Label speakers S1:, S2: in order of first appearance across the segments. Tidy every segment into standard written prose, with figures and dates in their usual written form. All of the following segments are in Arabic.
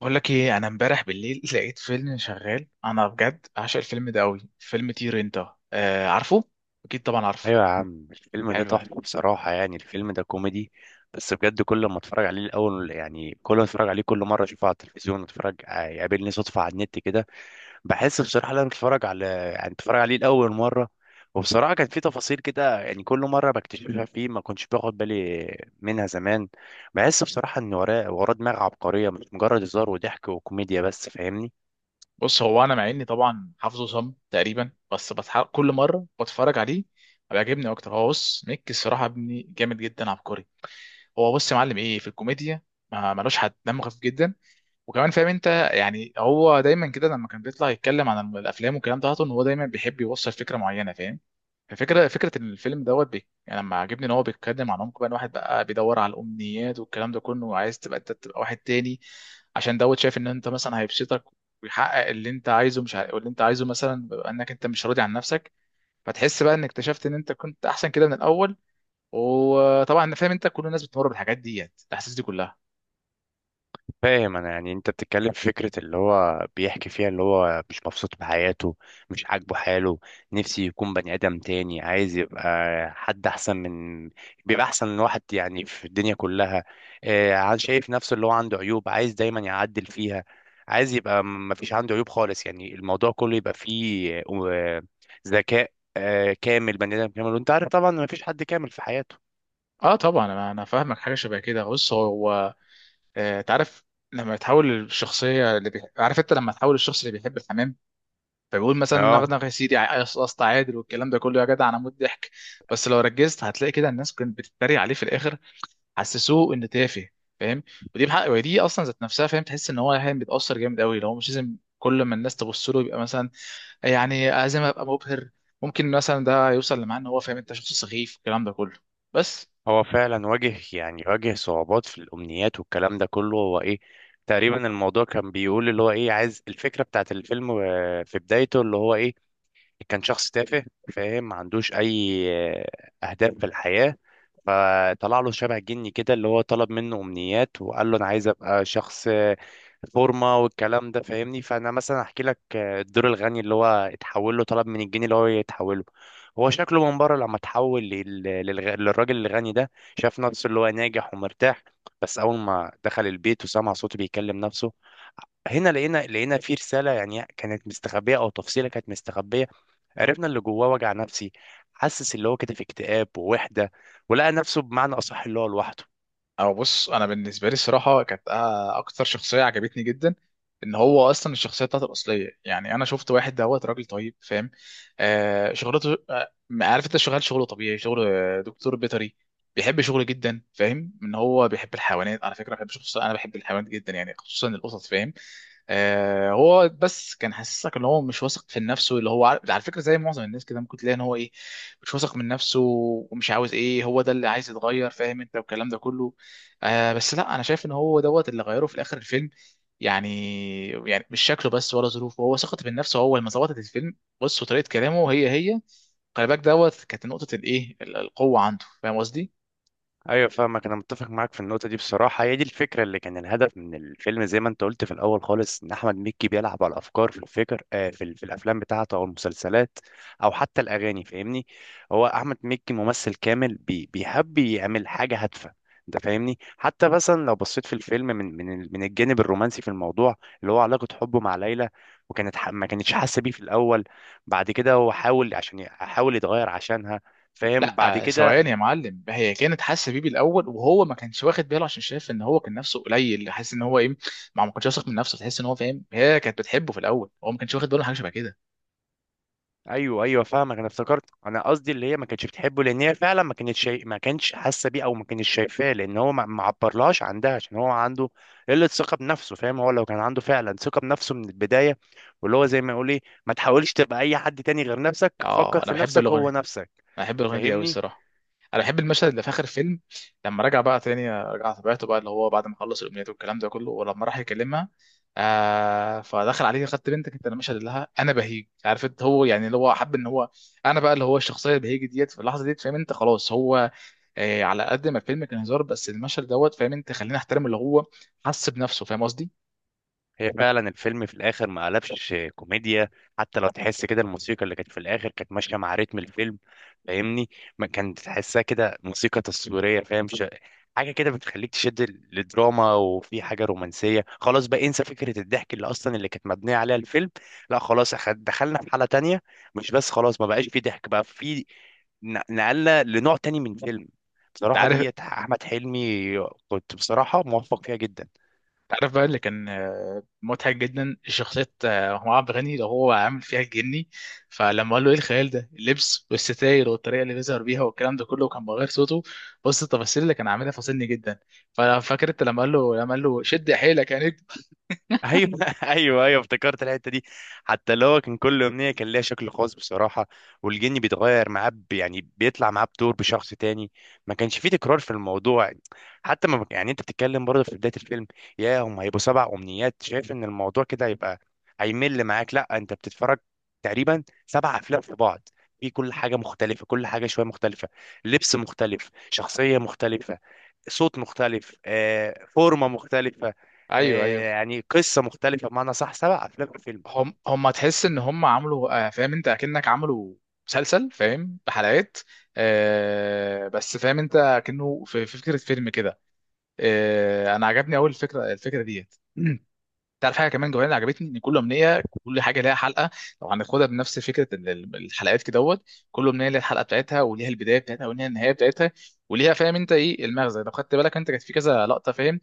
S1: بقول لك ايه؟ انا امبارح بالليل لقيت فيلم شغال. انا بجد عاشق الفيلم ده قوي، فيلم طير انت. آه عارفه. اكيد طبعا عارفه.
S2: ايوه يا عم، الفيلم ده
S1: حلو أوي.
S2: تحفه بصراحه، يعني الفيلم ده كوميدي. بس بجد كل ما اتفرج عليه الاول، يعني كل ما اتفرج عليه كل مره اشوفه على التلفزيون، اتفرج يقابلني صدفه على النت كده. بحس بصراحه لما اتفرج على، يعني اتفرج عليه لاول مره. وبصراحه كان في تفاصيل كده، يعني كل مره بكتشفها فيه، ما كنتش باخد بالي منها زمان. بحس بصراحه ان وراه وراه دماغ عبقريه، مش مجرد هزار وضحك وكوميديا بس، فاهمني؟
S1: بص، هو انا مع اني طبعا حافظه صم تقريبا بس كل مره بتفرج عليه بيعجبني اكتر. هو بص ميك، الصراحه ابني جامد جدا، عبقري. هو بص يا معلم، ايه في الكوميديا ما ملوش حد؟ دمه خفيف جدا، وكمان فاهم انت، يعني هو دايما كده لما كان بيطلع يتكلم عن الافلام والكلام ده، ان هو دايما بيحب يوصل فكره معينه، فاهم؟ فكرة الفيلم دوت بي، يعني لما عجبني ان هو بيتكلم عن عمق بقى، إن واحد بقى بيدور على الامنيات والكلام ده كله، وعايز تبقى انت تبقى واحد تاني، عشان دوت شايف ان انت مثلا هيبسطك ويحقق اللي انت عايزه. مش عارف، اللي انت عايزه مثلا بيبقى انك انت مش راضي عن نفسك، فتحس بقى انك اكتشفت ان انت كنت احسن كده من الاول. وطبعا انا فاهم انت، كل الناس بتمر بالحاجات ديت، الاحاسيس دي كلها.
S2: فاهم انا، يعني انت بتتكلم في فكره اللي هو بيحكي فيها، اللي هو مش مبسوط بحياته، مش عاجبه حاله، نفسي يكون بني ادم تاني، عايز يبقى حد احسن من، بيبقى احسن من واحد يعني في الدنيا كلها. شايف نفسه اللي هو عنده عيوب، عايز دايما يعدل فيها. عايز يبقى ما فيش عنده عيوب خالص، يعني الموضوع كله يبقى فيه ذكاء، كامل، بني ادم كامل، وانت عارف طبعا ما فيش حد كامل في حياته.
S1: اه طبعا، انا فاهمك. حاجه شبه كده، بص هو تعرف، لما تحول الشخصيه عارف انت، لما تحول الشخص اللي بيحب الحمام، فبيقول مثلا
S2: اه،
S1: نغنغ يا سيدي، قصقص تعادل والكلام ده كله، يا جدع انا موت ضحك. بس لو ركزت هتلاقي كده الناس كانت بتتريق عليه في الاخر، حسسوه ان تافه، فاهم؟ ودي بحق، ودي اصلا ذات نفسها، فاهم؟ تحس ان هو يعني بيتاثر جامد قوي لو مش لازم، كل ما الناس تبص له يبقى مثلا، يعني لازم ابقى مبهر. ممكن مثلا ده يوصل لمعنى ان هو فاهم انت شخص سخيف، الكلام ده كله. بس
S2: هو فعلا واجه، يعني واجه صعوبات في الأمنيات والكلام ده كله، هو إيه؟ تقريبا الموضوع كان بيقول اللي هو إيه، عايز الفكرة بتاعت الفيلم في بدايته، اللي هو إيه؟ كان شخص تافه، فاهم؟ ما عندوش اي اهداف في الحياة. فطلع له شبه جني كده، اللي هو طلب منه امنيات، وقال له انا عايز ابقى شخص فورمه والكلام ده، فاهمني؟ فانا مثلا احكي لك الدور الغني اللي هو اتحول له، طلب من الجني اللي هو يتحوله. هو شكله من بره لما اتحول للراجل الغني ده. شاف نفسه اللي هو ناجح ومرتاح، بس اول ما دخل البيت وسمع صوته بيكلم نفسه، هنا لقينا في رسالة، يعني كانت مستخبية، أو تفصيلة كانت مستخبية. عرفنا اللي جواه، وجع نفسي. حسس اللي هو كده في اكتئاب ووحدة. ولقى نفسه، بمعنى أصح، اللي هو لوحده.
S1: او بص، انا بالنسبه لي الصراحه كانت اكتر شخصيه عجبتني جدا، ان هو اصلا الشخصيه بتاعته الاصليه. يعني انا شفت واحد دوت راجل طيب، فاهم؟ آه شغلته آه، عارف انت، شغال شغله طبيعي، شغل دكتور بيطري. بيحب شغله جدا، فاهم؟ ان هو بيحب الحيوانات، على فكره بحب شخص، انا بحب الحيوانات جدا يعني، خصوصا القطط، فاهم؟ آه، هو بس كان حاسسك ان هو مش واثق في نفسه، اللي هو على فكره زي معظم الناس كده، ممكن تلاقي ان هو ايه، مش واثق من نفسه، ومش عاوز ايه. هو ده اللي عايز يتغير، فاهم انت؟ والكلام ده كله. آه بس لا، انا شايف ان هو دوت اللي غيره في الاخر الفيلم، يعني يعني مش شكله بس ولا ظروفه، هو ثقته بالنفس هو، لما ظبطت الفيلم. بص وطريقه كلامه هي هي. خلي بالك، دوت كانت نقطه الايه، القوه عنده، فاهم قصدي؟
S2: ايوه، فاهمك، انا متفق معاك في النقطه دي بصراحه، هي دي الفكره اللي كان الهدف من الفيلم، زي ما انت قلت في الاول خالص، ان احمد مكي بيلعب على الافكار في الفكر في الافلام بتاعته او المسلسلات، او حتى الاغاني، فاهمني؟ هو احمد مكي ممثل كامل، بيحب يعمل حاجه هادفه. انت فاهمني، حتى مثلا لو بصيت في الفيلم من الجانب الرومانسي في الموضوع، اللي هو علاقه حبه مع ليلى. وكانت ما كانتش حاسه بيه في الاول. بعد كده هو حاول عشان حاول يتغير عشانها، فاهم؟ بعد
S1: لا
S2: كده.
S1: ثواني يا معلم، هي كانت حاسه بيه بالاول، وهو ما كانش واخد باله، عشان شايف ان هو كان نفسه قليل، حاسس ان هو ايه، ما كانش واثق من نفسه. تحس ان هو فاهم، هي كانت بتحبه في الاول، هو ما كانش واخد باله من حاجه شبه كده.
S2: ايوه، ايوه، فاهمك، انا افتكرت، انا قصدي اللي هي ما كانتش بتحبه، لان هي فعلا ما كانتش حاسه بيه، او ما كانتش شايفاه، لان هو ما عبرلهاش عندها، عشان هو عنده قله ثقه بنفسه، فاهم؟ هو لو كان عنده فعلا ثقه بنفسه من البدايه، واللي هو زي ما يقول ايه، ما تحاولش تبقى اي حد تاني غير نفسك، فكر
S1: اه انا
S2: في
S1: بحب
S2: نفسك هو
S1: الاغنيه،
S2: نفسك.
S1: انا بحب الاغنيه دي قوي
S2: فاهمني؟
S1: الصراحه. انا بحب المشهد اللي في اخر الفيلم، لما رجع بقى تاني، رجع طبيعته بقى، اللي هو بعد ما خلص الامنيات والكلام ده كله، ولما راح يكلمها، آه فدخل عليه، خدت بنتك انت، انا مش هديلها لها، انا بهيج، عارف انت؟ هو يعني اللي هو حب ان هو انا بقى، اللي هو الشخصيه البهيج ديت في اللحظه ديت، فاهم انت؟ خلاص هو، آه على قد ما الفيلم كان هزار، بس المشهد دوت فاهم انت، خلينا احترم اللي هو حس بنفسه، فاهم قصدي؟
S2: هي فعلا الفيلم في الاخر ما قلبش كوميديا، حتى لو تحس كده، الموسيقى اللي كانت في الاخر كانت ماشيه مع رتم الفيلم. فاهمني؟ ما كانت تحسها كده موسيقى تصويريه، فاهم؟ حاجه كده بتخليك تشد للدراما، وفي حاجه رومانسيه، خلاص بقى انسى فكره الضحك اللي اصلا اللي كانت مبنيه عليها الفيلم. لا خلاص دخلنا في حاله تانية. مش بس خلاص ما بقاش في ضحك، بقى في نقلنا لنوع تاني من فيلم.
S1: انت
S2: بصراحه
S1: عارف،
S2: دي احمد حلمي، كنت بصراحه موفق فيها جدا.
S1: تعرف بقى اللي كان مضحك جدا، شخصية هو عبد الغني لو، هو عامل فيها الجني، فلما قال له ايه الخيال ده، اللبس والستاير والطريقة اللي بيظهر بيها والكلام ده كله، وكان بغير صوته. بص التفاصيل اللي كان عاملها فاصلني جدا. ففاكر انت لما قال له شد حيلك يا نجم؟
S2: ايوه ايوه، ايوه، افتكرت الحته دي. حتى اللي هو كان كل امنيه كان ليها شكل خاص بصراحه، والجن بيتغير معاه، يعني بيطلع معاه بدور بشخص تاني. ما كانش فيه تكرار في الموضوع. حتى ما، يعني انت بتتكلم برضه في بدايه الفيلم، يا هم هيبقوا سبع امنيات، شايف ان الموضوع كده هيبقى هيمل معاك؟ لا، انت بتتفرج تقريبا سبع افلام في بعض، في كل حاجه مختلفه، كل حاجه شويه مختلفه، لبس مختلف، شخصيه مختلفه، صوت مختلف، فورمه مختلفه،
S1: ايوه، ايوه.
S2: يعني قصة مختلفة بمعنى صح، سبع أفلام في فيلم.
S1: هم تحس ان هم عملوا فاهم انت، اكنك عملوا مسلسل، فاهم؟ بحلقات. آه بس فاهم انت، كأنه في فكرة فيلم كده. آه انا عجبني اول الفكرة، الفكرة ديت. تعرف حاجه كمان جوانا عجبتني، ان كل امنيه كل حاجه ليها حلقه، لو هناخدها بنفس فكره الحلقات كده دوت. كل امنيه ليها الحلقه بتاعتها، وليها البدايه بتاعتها، وليها النهايه بتاعتها، وليها فاهم انت ايه المغزى. لو خدت بالك انت، كانت في كذا لقطه، فاهم؟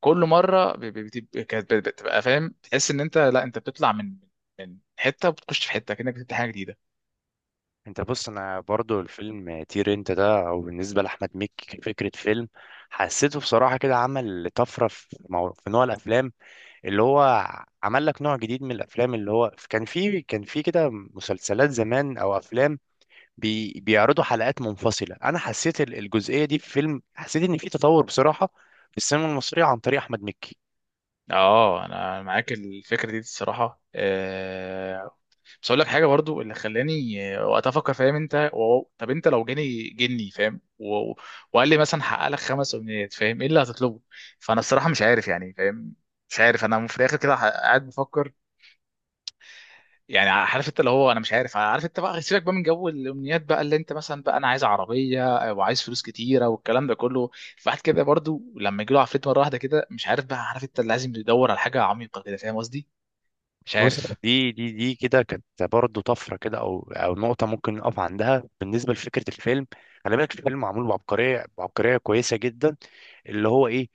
S1: كل مره كانت بتبقى فاهم، تحس ان انت لا، انت بتطلع من من حته، وبتخش في حته، كانك بتبدا حاجه جديده.
S2: أنت بص، أنا برضو الفيلم طير أنت ده أو بالنسبة لأحمد مكي فكرة فيلم، حسيته بصراحة كده عمل طفرة في في نوع الأفلام، اللي هو عمل لك نوع جديد من الأفلام، اللي هو كان في كده مسلسلات زمان أو أفلام، بيعرضوا حلقات منفصلة. أنا حسيت الجزئية دي في فيلم، حسيت إن في تطور بصراحة في السينما المصرية عن طريق أحمد مكي.
S1: اه انا معاك الفكره دي الصراحه. بس اقول لك حاجه برضو، اللي خلاني وقتها افكر، فاهم انت؟ واو، طب انت لو جاني جني، فاهم؟ وقال لي مثلا حقق لك 5 امنيات، فاهم؟ ايه اللي هتطلبه؟ فانا الصراحه مش عارف، يعني فاهم، مش عارف انا في الاخر كده، قاعد بفكر، يعني عارف انت، اللي هو انا مش عارف. عارف انت بقى، سيبك بقى من جو الامنيات بقى، اللي انت مثلا بقى انا عايز عربيه، وعايز فلوس كتيره والكلام ده كله. فواحد كده برضو لما يجي له عفريت مره واحده كده، مش عارف بقى، عارف انت اللي لازم يدور على حاجه عميقه كده، فاهم قصدي؟ مش
S2: بص،
S1: عارف.
S2: دي كده كانت برضه طفره كده، او نقطه ممكن نقف عندها بالنسبه لفكره الفيلم. خلي بالك الفيلم معمول بعبقريه، بعبقريه كويسه جدا. اللي هو ايه؟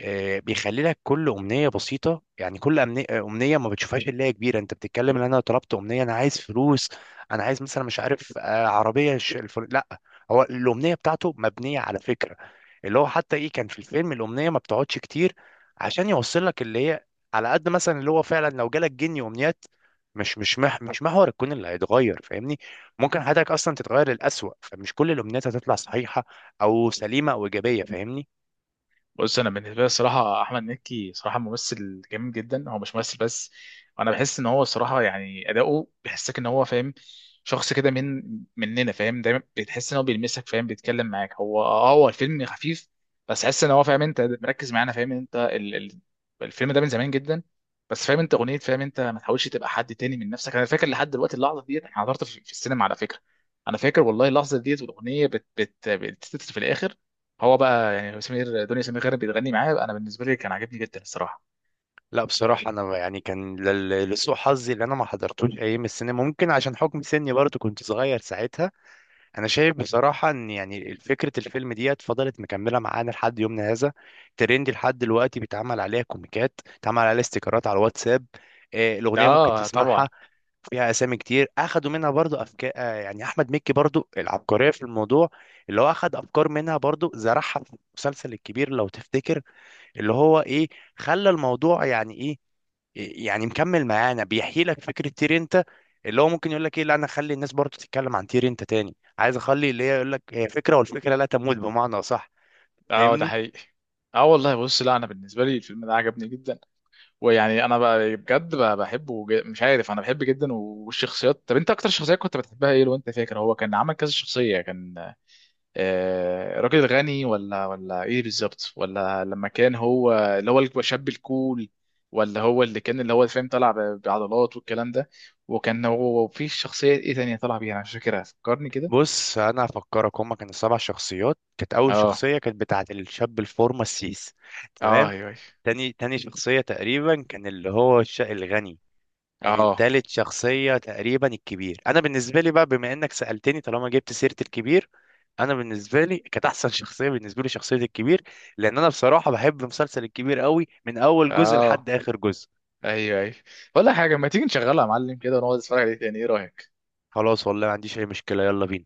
S2: بيخلي لك كل امنيه بسيطه، يعني كل امنيه ما بتشوفهاش اللي هي كبيره، انت بتتكلم ان انا طلبت امنيه، انا عايز فلوس، انا عايز مثلا مش عارف عربيه لا. هو الامنيه بتاعته مبنيه على فكره، اللي هو حتى ايه، كان في الفيلم الامنيه ما بتقعدش كتير عشان يوصل لك اللي هي، على قد مثلا اللي هو فعلا لو جالك جني وامنيات، مش محور الكون اللي هيتغير، فاهمني؟ ممكن حياتك اصلا تتغير للأسوأ، فمش كل الامنيات هتطلع صحيحه او سليمه او ايجابيه، فاهمني؟
S1: بص انا بالنسبه لي الصراحه، احمد مكي صراحه ممثل جميل جدا، هو مش ممثل بس. انا بحس ان هو الصراحه يعني اداؤه بيحسك ان هو فاهم، شخص كده من مننا، فاهم؟ دايما بتحس ان هو بيلمسك، فاهم بيتكلم معاك. هو اه، هو الفيلم خفيف، بس حس ان هو فاهم انت مركز معانا، فاهم انت الفيلم ده من زمان جدا، بس فاهم انت اغنيه فاهم انت، ما تحاولش تبقى حد تاني من نفسك. انا فاكر لحد دلوقتي اللحظه ديت، انا حضرت في السينما على فكره. انا فاكر والله اللحظه ديت، والاغنيه بتتتر في الاخر، هو بقى يعني سمير، دنيا سمير غانم بتغني معاه. انا بالنسبه لي كان عاجبني جدا الصراحه.
S2: لا بصراحه، انا يعني كان لسوء حظي اللي انا ما حضرتوش ايام السينما، ممكن عشان حكم سني برضه كنت صغير ساعتها. انا شايف بصراحه ان يعني فكره الفيلم ديت فضلت مكمله معانا لحد يومنا هذا، ترند لحد دلوقتي بيتعمل عليها كوميكات، بيتعمل عليها استيكرات على الواتساب.
S1: ده
S2: الاغنيه ممكن
S1: اه طبعا.
S2: تسمعها، فيها اسامي كتير اخدوا منها برضو افكار، يعني احمد مكي برضو العبقريه في الموضوع، اللي هو اخد افكار منها برضو زرعها في المسلسل الكبير لو تفتكر. اللي هو ايه؟ خلى الموضوع يعني ايه؟ يعني مكمل معانا، بيحيي لك فكره تير انت، اللي هو ممكن يقول لك ايه، لا انا اخلي الناس برضو تتكلم عن تير انت تاني، عايز اخلي اللي هي يقول لك هي فكره، والفكره لا تموت، بمعنى صح.
S1: اه ده
S2: فاهمني؟
S1: حقيقي. اه والله، بص لا انا بالنسبه لي الفيلم ده عجبني جدا، ويعني انا بقى بجد بقى مش عارف، انا بحبه جدا، والشخصيات. طب انت اكتر شخصيه كنت بتحبها ايه لو انت فاكر؟ هو كان عمل كذا شخصيه، كان راجل غني، ولا ايه بالظبط، ولا لما كان هو اللي هو الشاب الكول، ولا هو اللي كان اللي هو فاهم، طلع بعضلات والكلام ده، وكان هو في شخصية ايه تانية طلع بيها انا مش فاكرها، فكرني كده.
S2: بص، انا هفكرك هما كانوا سبع شخصيات، كانت اول
S1: اه
S2: شخصيه كانت بتاعه الشاب الفورمه السيس.
S1: اه،
S2: تمام.
S1: ايوه ايوه.
S2: تاني شخصية تقريبا كان اللي هو الغني. يعني
S1: اه
S2: التالت شخصية تقريبا الكبير، أنا بالنسبة لي بقى بما إنك سألتني، طالما جبت سيرة الكبير، أنا بالنسبة لي كانت أحسن شخصية بالنسبة لي شخصية الكبير، لأن أنا بصراحة بحب مسلسل الكبير قوي من أول جزء لحد
S1: اه،
S2: آخر جزء.
S1: ايوه ايوه. ولا حاجة، ما تيجي نشغلها يا معلم كده، ونقعد نتفرج عليه تاني؟ ايه رأيك؟
S2: خلاص والله، ما عنديش أي مشكلة، يلا بينا.